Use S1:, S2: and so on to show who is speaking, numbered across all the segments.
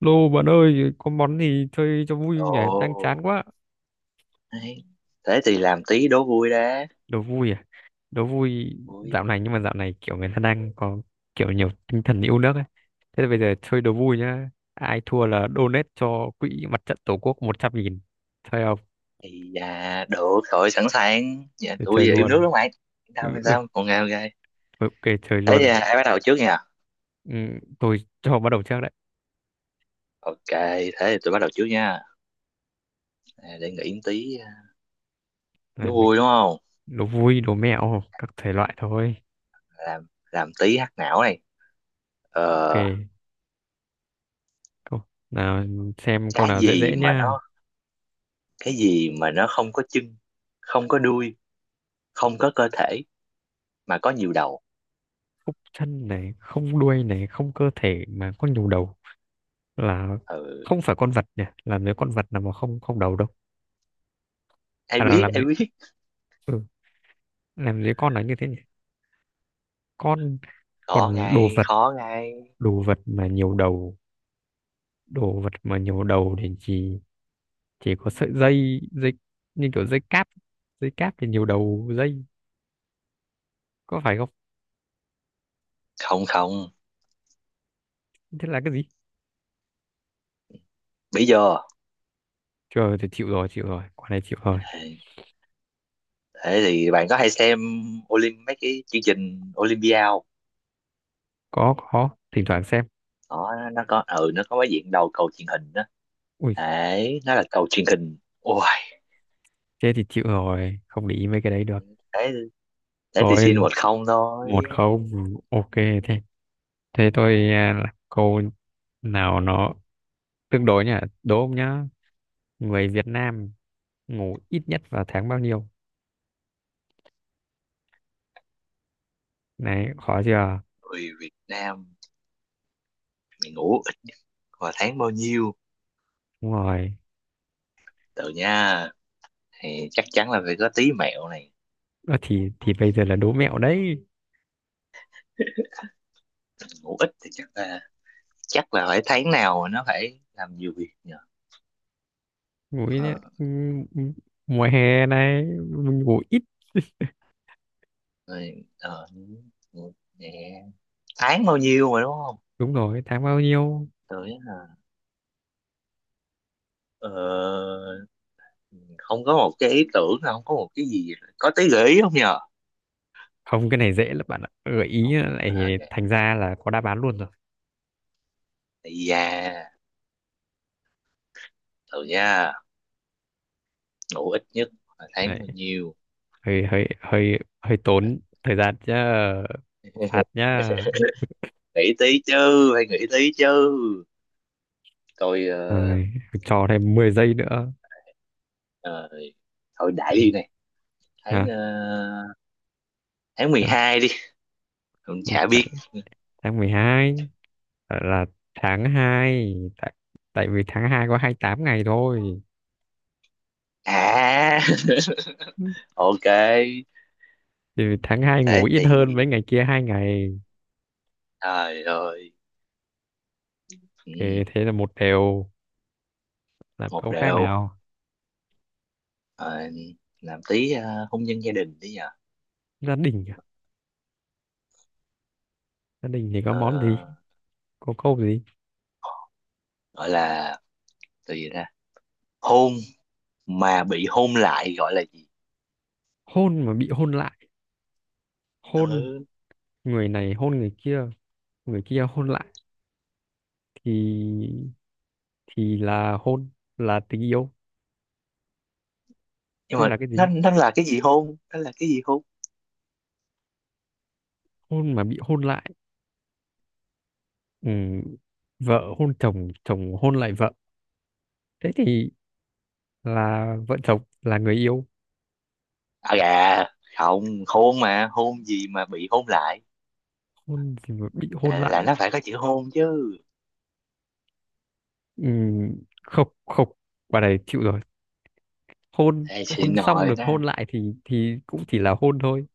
S1: Lô bạn ơi, có món gì chơi cho vui không
S2: Ồ,
S1: nhỉ? Đang chán quá.
S2: đấy. Thế thì làm tí đố vui đã.
S1: Đố vui à? Đố vui
S2: Vui.
S1: dạo này nhưng mà dạo này kiểu người ta đang có kiểu nhiều tinh thần yêu nước ấy. Thế thì bây giờ chơi đố vui nhá. Ai thua là donate cho quỹ mặt trận Tổ quốc 100 nghìn. Chơi không?
S2: Thì được rồi, sẵn sàng. Dạ,
S1: Để
S2: tôi
S1: chơi
S2: yêu nước
S1: luôn.
S2: lắm mày. Yên
S1: Ừ,
S2: Tâm, yên
S1: ừ,
S2: tâm, còn ngào gai.
S1: ok, chơi
S2: Thế thì
S1: luôn.
S2: ai bắt đầu trước nha?
S1: Ừ, tôi cho bắt đầu trước đấy.
S2: Ok, thế thì tôi bắt đầu trước nha. À, để nghĩ tí
S1: Này,
S2: đố
S1: mình
S2: vui đúng không?
S1: đố vui, đố mẹo, các thể loại thôi.
S2: Làm làm tí hack não này.
S1: Ok,
S2: Ờ,
S1: câu nào xem câu
S2: cái
S1: nào dễ
S2: gì
S1: dễ
S2: mà
S1: nhá.
S2: nó cái gì mà nó không có chân, không có đuôi, không có cơ thể mà có nhiều đầu.
S1: Khúc chân này, không đuôi này, không cơ thể mà có nhiều đầu là
S2: Ừ,
S1: không phải con vật nhỉ, làm gì có con vật nào mà không không đầu đâu.
S2: ai
S1: À là
S2: biết,
S1: làm
S2: ai
S1: gì,
S2: biết.
S1: ừ, làm gì có con là như thế nhỉ? Con
S2: Khó
S1: còn đồ
S2: ngay,
S1: vật,
S2: khó ngay.
S1: đồ vật mà nhiều đầu, đồ vật mà nhiều đầu thì chỉ có sợi dây dây như kiểu dây cáp, dây cáp thì nhiều đầu dây, có phải không?
S2: Không không,
S1: Thế là cái gì?
S2: bây giờ.
S1: Trời, thì chịu rồi, chịu rồi, quả này chịu rồi.
S2: Thế thì bạn có hay xem mấy cái chương trình Olympia không?
S1: Có thỉnh thoảng xem.
S2: Đó, nó có cái diện đầu cầu truyền hình đó,
S1: Ui,
S2: đấy nó là cầu truyền hình. Ôi,
S1: thế thì chịu rồi, không để ý mấy cái đấy được.
S2: thế thế thì xin
S1: Rồi,
S2: 1-0 thôi.
S1: một không, ok. Thế, thế tôi à, là câu nào nó tương đối nhỉ? Đố ông nhá. Người Việt Nam ngủ ít nhất vào tháng bao nhiêu? Này, khó chưa?
S2: Người Việt Nam mày ngủ ít vào tháng bao nhiêu,
S1: Đúng rồi.
S2: tự nha? Thì chắc chắn là phải có tí mẹo này.
S1: Ơ thì bây giờ là đố mẹo đấy.
S2: Ngủ ít thì chắc là, phải tháng nào mà nó phải làm nhiều việc nhờ.
S1: Ngủ ít nhất.
S2: ờ,
S1: Ừ, ừ, mùa hè này mình ngủ ít.
S2: rồi, ờ, ngủ- Nè, tháng bao nhiêu mà đúng không,
S1: Đúng rồi, tháng bao nhiêu?
S2: tự nhá? ờ, Không có một cái ý tưởng, không có một cái gì, có tí gợi ý không nhờ?
S1: Không, cái này dễ lắm bạn ạ. Gợi ý
S2: Không. À,
S1: lại
S2: ok.
S1: thành ra là có đáp án luôn rồi.
S2: Ây Thử nha, ngủ ít nhất là tháng
S1: Đấy,
S2: bao nhiêu?
S1: hơi hơi hơi hơi tốn thời gian chứ. Phạt nhá.
S2: Nghĩ tí chứ, phải nghĩ tí chứ. tôi ờ,
S1: Rồi, cho thêm 10 giây nữa.
S2: ờ, Thôi đại
S1: Ừ.
S2: đi này. tháng
S1: Hả?
S2: ờ, tháng mười
S1: Tháng,
S2: hai đi. Không, chả biết.
S1: tháng tháng 12 gọi là tháng hai, tại vì tháng 2 có 28 ngày thôi.
S2: À,
S1: Ừ,
S2: ok.
S1: thì tháng hai ngủ
S2: Thế
S1: ít hơn
S2: thì
S1: mấy ngày kia hai ngày,
S2: trời ơi. ừ,
S1: thì thế là một đều. Làm
S2: Một
S1: câu khác
S2: đều.
S1: nào.
S2: Ờ, làm tí hôn nhân gia đình đi nhờ.
S1: Gia đình à? Gia đình thì có
S2: Ờ,
S1: món gì, có câu gì?
S2: gọi là từ gì ra, hôn mà bị hôn lại gọi là gì?
S1: Hôn mà bị hôn lại, hôn,
S2: Ừ.
S1: người này hôn người kia, người kia hôn lại, thì thì là hôn, là tình yêu
S2: Nhưng
S1: chứ
S2: mà
S1: là cái
S2: nó
S1: gì?
S2: nó là cái gì, hôn nó là cái gì, hôn?
S1: Hôn mà bị hôn lại, ừ, vợ hôn chồng, chồng hôn lại vợ, thế thì là vợ chồng, là người yêu.
S2: À gà, không hôn mà hôn gì mà bị hôn lại?
S1: Hôn gì mà bị hôn
S2: À, là
S1: lại?
S2: nó phải có chữ hôn chứ.
S1: Ừm, không không, bà này chịu rồi, hôn,
S2: Ê, chị
S1: hôn xong
S2: nội
S1: được
S2: đó,
S1: hôn lại thì cũng chỉ là hôn thôi.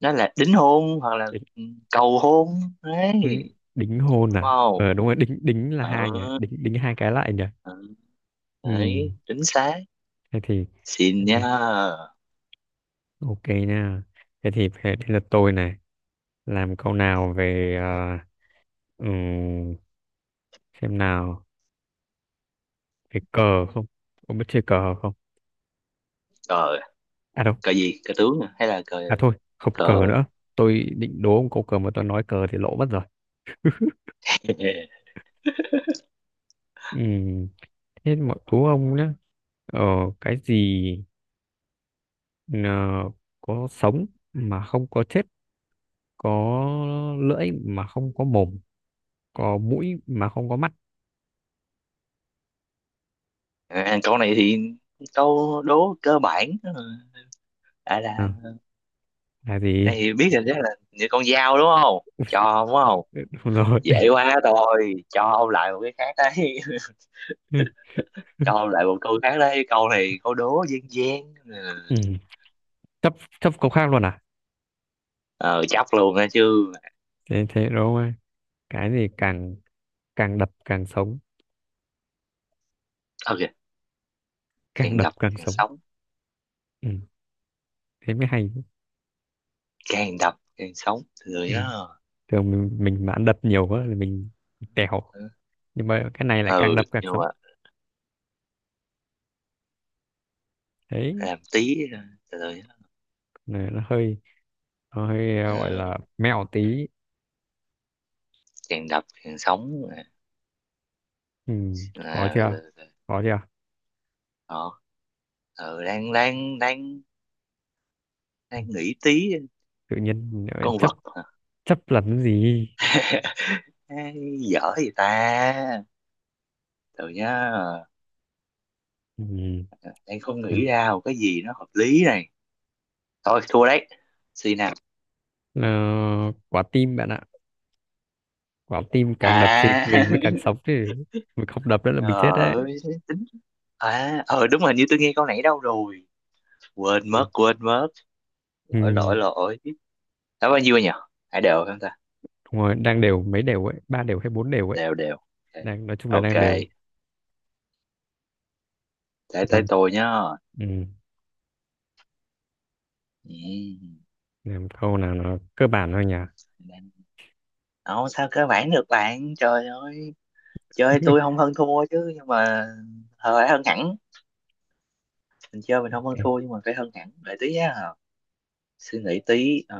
S2: nó là đính hôn hoặc là,
S1: Đính,
S2: ừ, cầu hôn đấy.
S1: ừm, đính hôn à,
S2: Wow.
S1: ờ đúng rồi, đính đính là hai nhỉ,
S2: Ừ,
S1: đính đính hai cái lại nhỉ.
S2: ừ. Đấy,
S1: Ừm,
S2: chính xác.
S1: thế thì
S2: Xin
S1: thế thì
S2: nha.
S1: ok nha. Thế thì thế thế là tôi này, làm câu nào về ừm, xem nào, về cờ không, có biết chơi cờ không?
S2: Cờ.
S1: À đâu,
S2: Cờ gì cờ tướng à? Hay là cờ?
S1: à thôi, không cờ
S2: Cờ.
S1: nữa. Tôi định đố ông câu cờ mà tôi nói cờ thì lỗ mất rồi. Ừm, thế mà đố ông nhé. Ờ, cái gì, ờ, có sống mà không có chết, có lưỡi mà không có mồm, có mũi mà không có mắt.
S2: À, câu này thì câu đố cơ bản, à
S1: Ừ,
S2: là,
S1: là
S2: này
S1: gì?
S2: thì biết rồi, đó là như con dao đúng không? Cho đúng không,
S1: Đúng rồi.
S2: dễ quá. Thôi cho ông lại một cái khác đấy. Cho ông lại một câu khác đấy, câu này câu đố dân gian. Ừ.
S1: Ừm, chấp chấp câu khác luôn à?
S2: Ờ, chắc luôn đó chứ.
S1: Thế thế đúng không ạ? Cái gì càng càng đập càng sống,
S2: Ok,
S1: càng
S2: càng
S1: đập
S2: đập
S1: càng
S2: càng
S1: sống.
S2: sống.
S1: Ừm, thế mới hay.
S2: Càng đập càng sống, từ từ
S1: Ừ,
S2: nhá.
S1: thường mình mà ăn đập nhiều quá thì mình tèo, nhưng mà cái này lại càng
S2: Ừ,
S1: đập càng
S2: nhưng
S1: sống.
S2: mà
S1: Đấy,
S2: làm tí, từ từ nhá.
S1: này nó hơi, nó hơi gọi
S2: Ờ,
S1: là mẹo tí.
S2: càng đập càng sống là,
S1: Ừ, khó
S2: là,
S1: chưa,
S2: là, là,
S1: khó chưa.
S2: ờ, ừ, đang đang đang
S1: Ừ,
S2: đang nghĩ tí.
S1: tự nhiên lại
S2: Con
S1: chấp,
S2: vật hả?
S1: chấp là cái gì.
S2: Dở gì ta, từ nhá.
S1: Ừ,
S2: Đang không nghĩ
S1: nào.
S2: ra một cái gì nó hợp lý này. Thôi thua đấy, xin nào.
S1: Ờ, quả tim bạn ạ, quả tim càng đập thì
S2: À.
S1: mình mới càng sống chứ, mình không đập nữa là mình chết đấy.
S2: Ờ, tính, à ờ đúng rồi, như tôi nghe câu nãy đâu rồi, quên mất,
S1: Ừ.
S2: quên mất. Lỗi,
S1: Ừ.
S2: lỗi, lỗi. Đã bao nhiêu nhỉ, hai đều không ta?
S1: Đúng rồi, đang đều, mấy đều ấy, ba đều hay bốn đều ấy,
S2: Đều đều, ok.
S1: đang nói chung là đang
S2: Ok,
S1: đều.
S2: thế tới
S1: Làm,
S2: tôi nhá.
S1: ừ,
S2: Ừ.
S1: làm câu nào nó cơ bản thôi nhỉ.
S2: Đang- Sao cơ bản được bạn, trời ơi. Chơi tôi không hơn thua chứ, nhưng mà, ờ, phải hơn hẳn. Mình chơi mình không hơn
S1: Ok.
S2: thua, nhưng mà phải hơn hẳn. Để tí á, suy nghĩ tí. Ờ,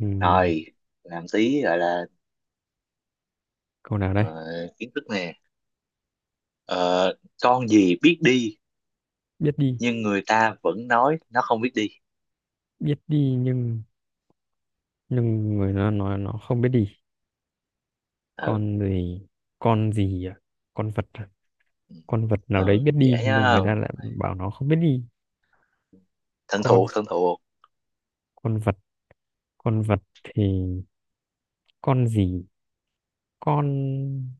S1: Ừm,
S2: Rồi, làm tí gọi là,
S1: câu nào đây?
S2: ờ, kiến thức nè. Ờ, con gì biết đi
S1: Biết đi,
S2: nhưng người ta vẫn nói nó không biết đi?
S1: biết đi nhưng người nó nói nó không biết đi.
S2: Ừ,
S1: Con gì? Con gì à? Con vật à? Con vật nào đấy
S2: ừ,
S1: biết
S2: dễ
S1: đi nhưng
S2: á,
S1: người ta lại
S2: con này
S1: bảo nó không biết đi.
S2: thân thuộc,
S1: Con
S2: thân thuộc.
S1: con vật, con vật thì con gì? Con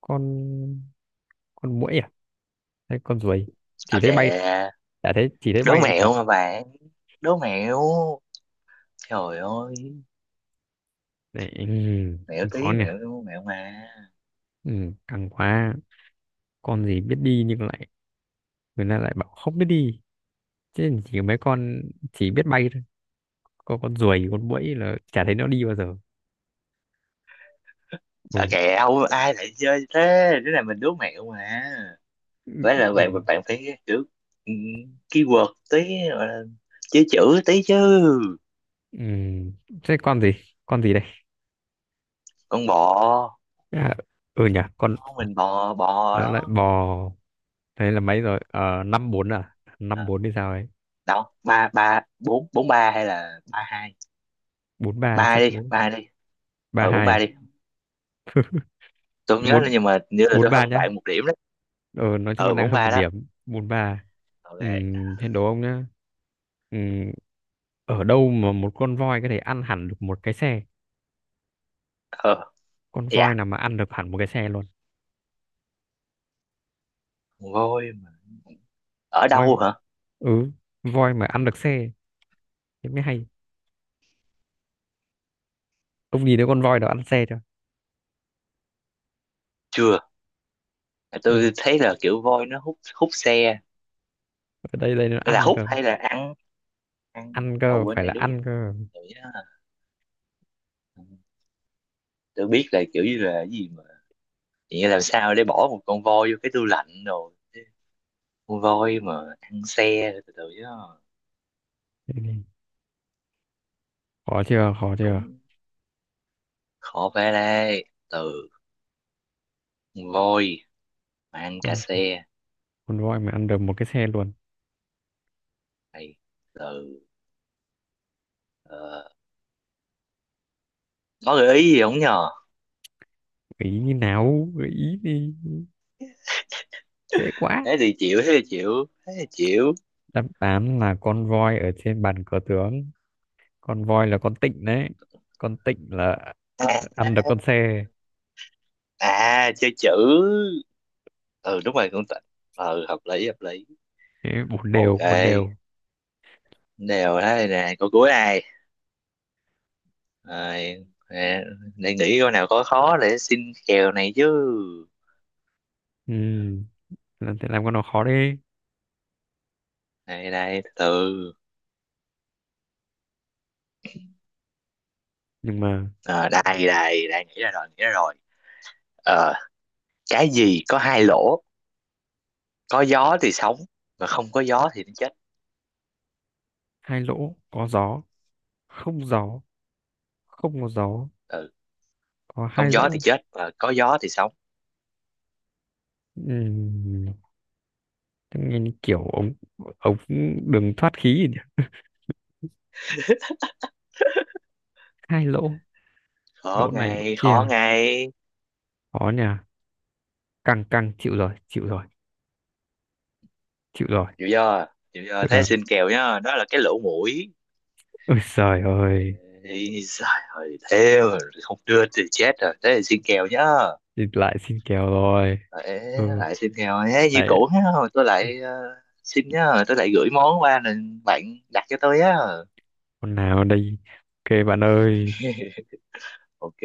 S1: con con muỗi à? Hay con ruồi? Chỉ thấy bay,
S2: Ok,
S1: chả thấy, chỉ thấy
S2: đố
S1: bay chặt.
S2: mẹo mà bạn, đố mẹo, trời ơi.
S1: Đấy,
S2: Mẹo
S1: khó
S2: tí,
S1: nhỉ.
S2: mẹo, mẹo mà.
S1: Căng quá. Con gì biết đi nhưng lại, người ta lại bảo không biết đi. Chứ chỉ mấy con chỉ biết bay thôi. Có con ruồi, con muỗi là chả thấy nó đi bao giờ. Ừ.
S2: Sao kẹo ai lại chơi thế, đứa này mình đố mẹo mà.
S1: Ừ.
S2: Vậy là bạn
S1: Ừ.
S2: bạn phải kiểu, ừ, keyword tí, gọi là chữ, chữ tí chứ.
S1: Ừ. Thế con gì? Con gì đây?
S2: Con bò.
S1: À, ừ nhỉ, con
S2: Không, mình bò, bò
S1: nó lại
S2: đó.
S1: bò. Thế là mấy rồi? Ờ, năm bốn à? Năm
S2: À,
S1: bốn thì sao ấy?
S2: đâu, ba ba bốn bốn ba hay là 3-2?
S1: Bốn
S2: Ba
S1: ba
S2: hai
S1: chắc,
S2: đi,
S1: bốn
S2: 3-2 đi.
S1: ba
S2: Ờ, bốn
S1: hai
S2: ba
S1: à?
S2: đi. Tôi không nhớ nữa
S1: Bốn
S2: nhưng mà như là
S1: bốn
S2: tôi
S1: ba
S2: hơn
S1: nhá.
S2: bạn một điểm đấy.
S1: Ờ, nói chung là
S2: Ờ,
S1: đang
S2: bốn
S1: hơn một
S2: ba đó,
S1: điểm. Bốn ba. Ừ,
S2: ok.
S1: thế đố ông nhá. Ừ, ở đâu mà một con voi có thể ăn hẳn được một cái xe?
S2: Ờ,
S1: Con voi
S2: dạ,
S1: nào mà ăn được hẳn một cái xe luôn?
S2: voi mà. Ở
S1: Voi,
S2: đâu hả?
S1: ừ, voi mà ăn được xe, thế mới hay. Ông nhìn thấy con voi đó ăn xe chưa?
S2: Chưa,
S1: Chưa,
S2: tôi thấy là kiểu voi nó hút hút xe.
S1: ở đây đây nó
S2: Là
S1: ăn
S2: hút
S1: cơ.
S2: hay là ăn? Ăn
S1: Ăn
S2: à,
S1: cơ,
S2: quên
S1: phải
S2: này
S1: là
S2: đúng không?
S1: ăn cơ.
S2: Tụi ừ, tôi biết là kiểu như là cái gì mà, chỉ làm sao để bỏ một con voi vô cái tủ lạnh rồi chứ. Con voi mà ăn xe, từ từ chứ.
S1: Thế thì, khó chưa, khó chưa.
S2: Cũng khó, phải đây, từ, con voi mà ăn cả
S1: con
S2: xe
S1: con voi mà ăn được một cái xe luôn.
S2: này, từ ờ, có gợi ý gì không nhờ?
S1: Gợi ý như nào, gợi ý thì dễ quá.
S2: Thế thì chịu, thế thì chịu, thế thì chịu.
S1: Đáp án là con voi ở trên bàn cờ tướng, con voi là con tịnh đấy, con tịnh là
S2: À.
S1: ăn được con xe.
S2: Chơi chữ. Ừ đúng rồi, cũng tịnh. Ừ hợp lý, hợp lý.
S1: Thế bốn
S2: Ok,
S1: đều, bốn đều.
S2: đều thế. Này nè, câu cuối này. Rồi, nè, để nghĩ coi nào, có khó để xin kèo này chứ.
S1: Ừ, làm thế, làm con nó khó đi,
S2: Đây đây, từ từ.
S1: nhưng mà
S2: Ờ, đây đây đây, nghĩ ra rồi, nghĩ ra rồi. Ờ, cái gì có hai lỗ, có gió thì sống mà không có gió thì nó chết?
S1: hai lỗ có gió, không gió, không có gió,
S2: Ừ,
S1: có hai
S2: không gió thì
S1: lỗ.
S2: chết mà có gió thì sống.
S1: Ừm, thế nghe như kiểu ống, ống đường thoát khí gì nhỉ? Hai lỗ,
S2: Khó
S1: lỗ này lỗ
S2: ngay, khó
S1: kia,
S2: ngay.
S1: khó nhỉ, căng căng, chịu rồi, chịu rồi, chịu rồi,
S2: Chịu chưa? Chịu chưa?
S1: chịu
S2: Thế
S1: rồi,
S2: xin kèo nhá, đó là cái lỗ mũi.
S1: ôi trời ơi.
S2: Thì trời ơi, thế mà không đưa thì chết rồi. Thế thì xin kèo nhá.
S1: Thì lại xin kèo rồi.
S2: Ờ, ê,
S1: Ừ,
S2: lại xin nghèo ấy, như
S1: lại,
S2: cũ á, rồi tôi lại, ờ, xin nhá, rồi tôi lại gửi món qua nên bạn đặt cho tôi á.
S1: con nào đây? Ok bạn ơi.
S2: Ok.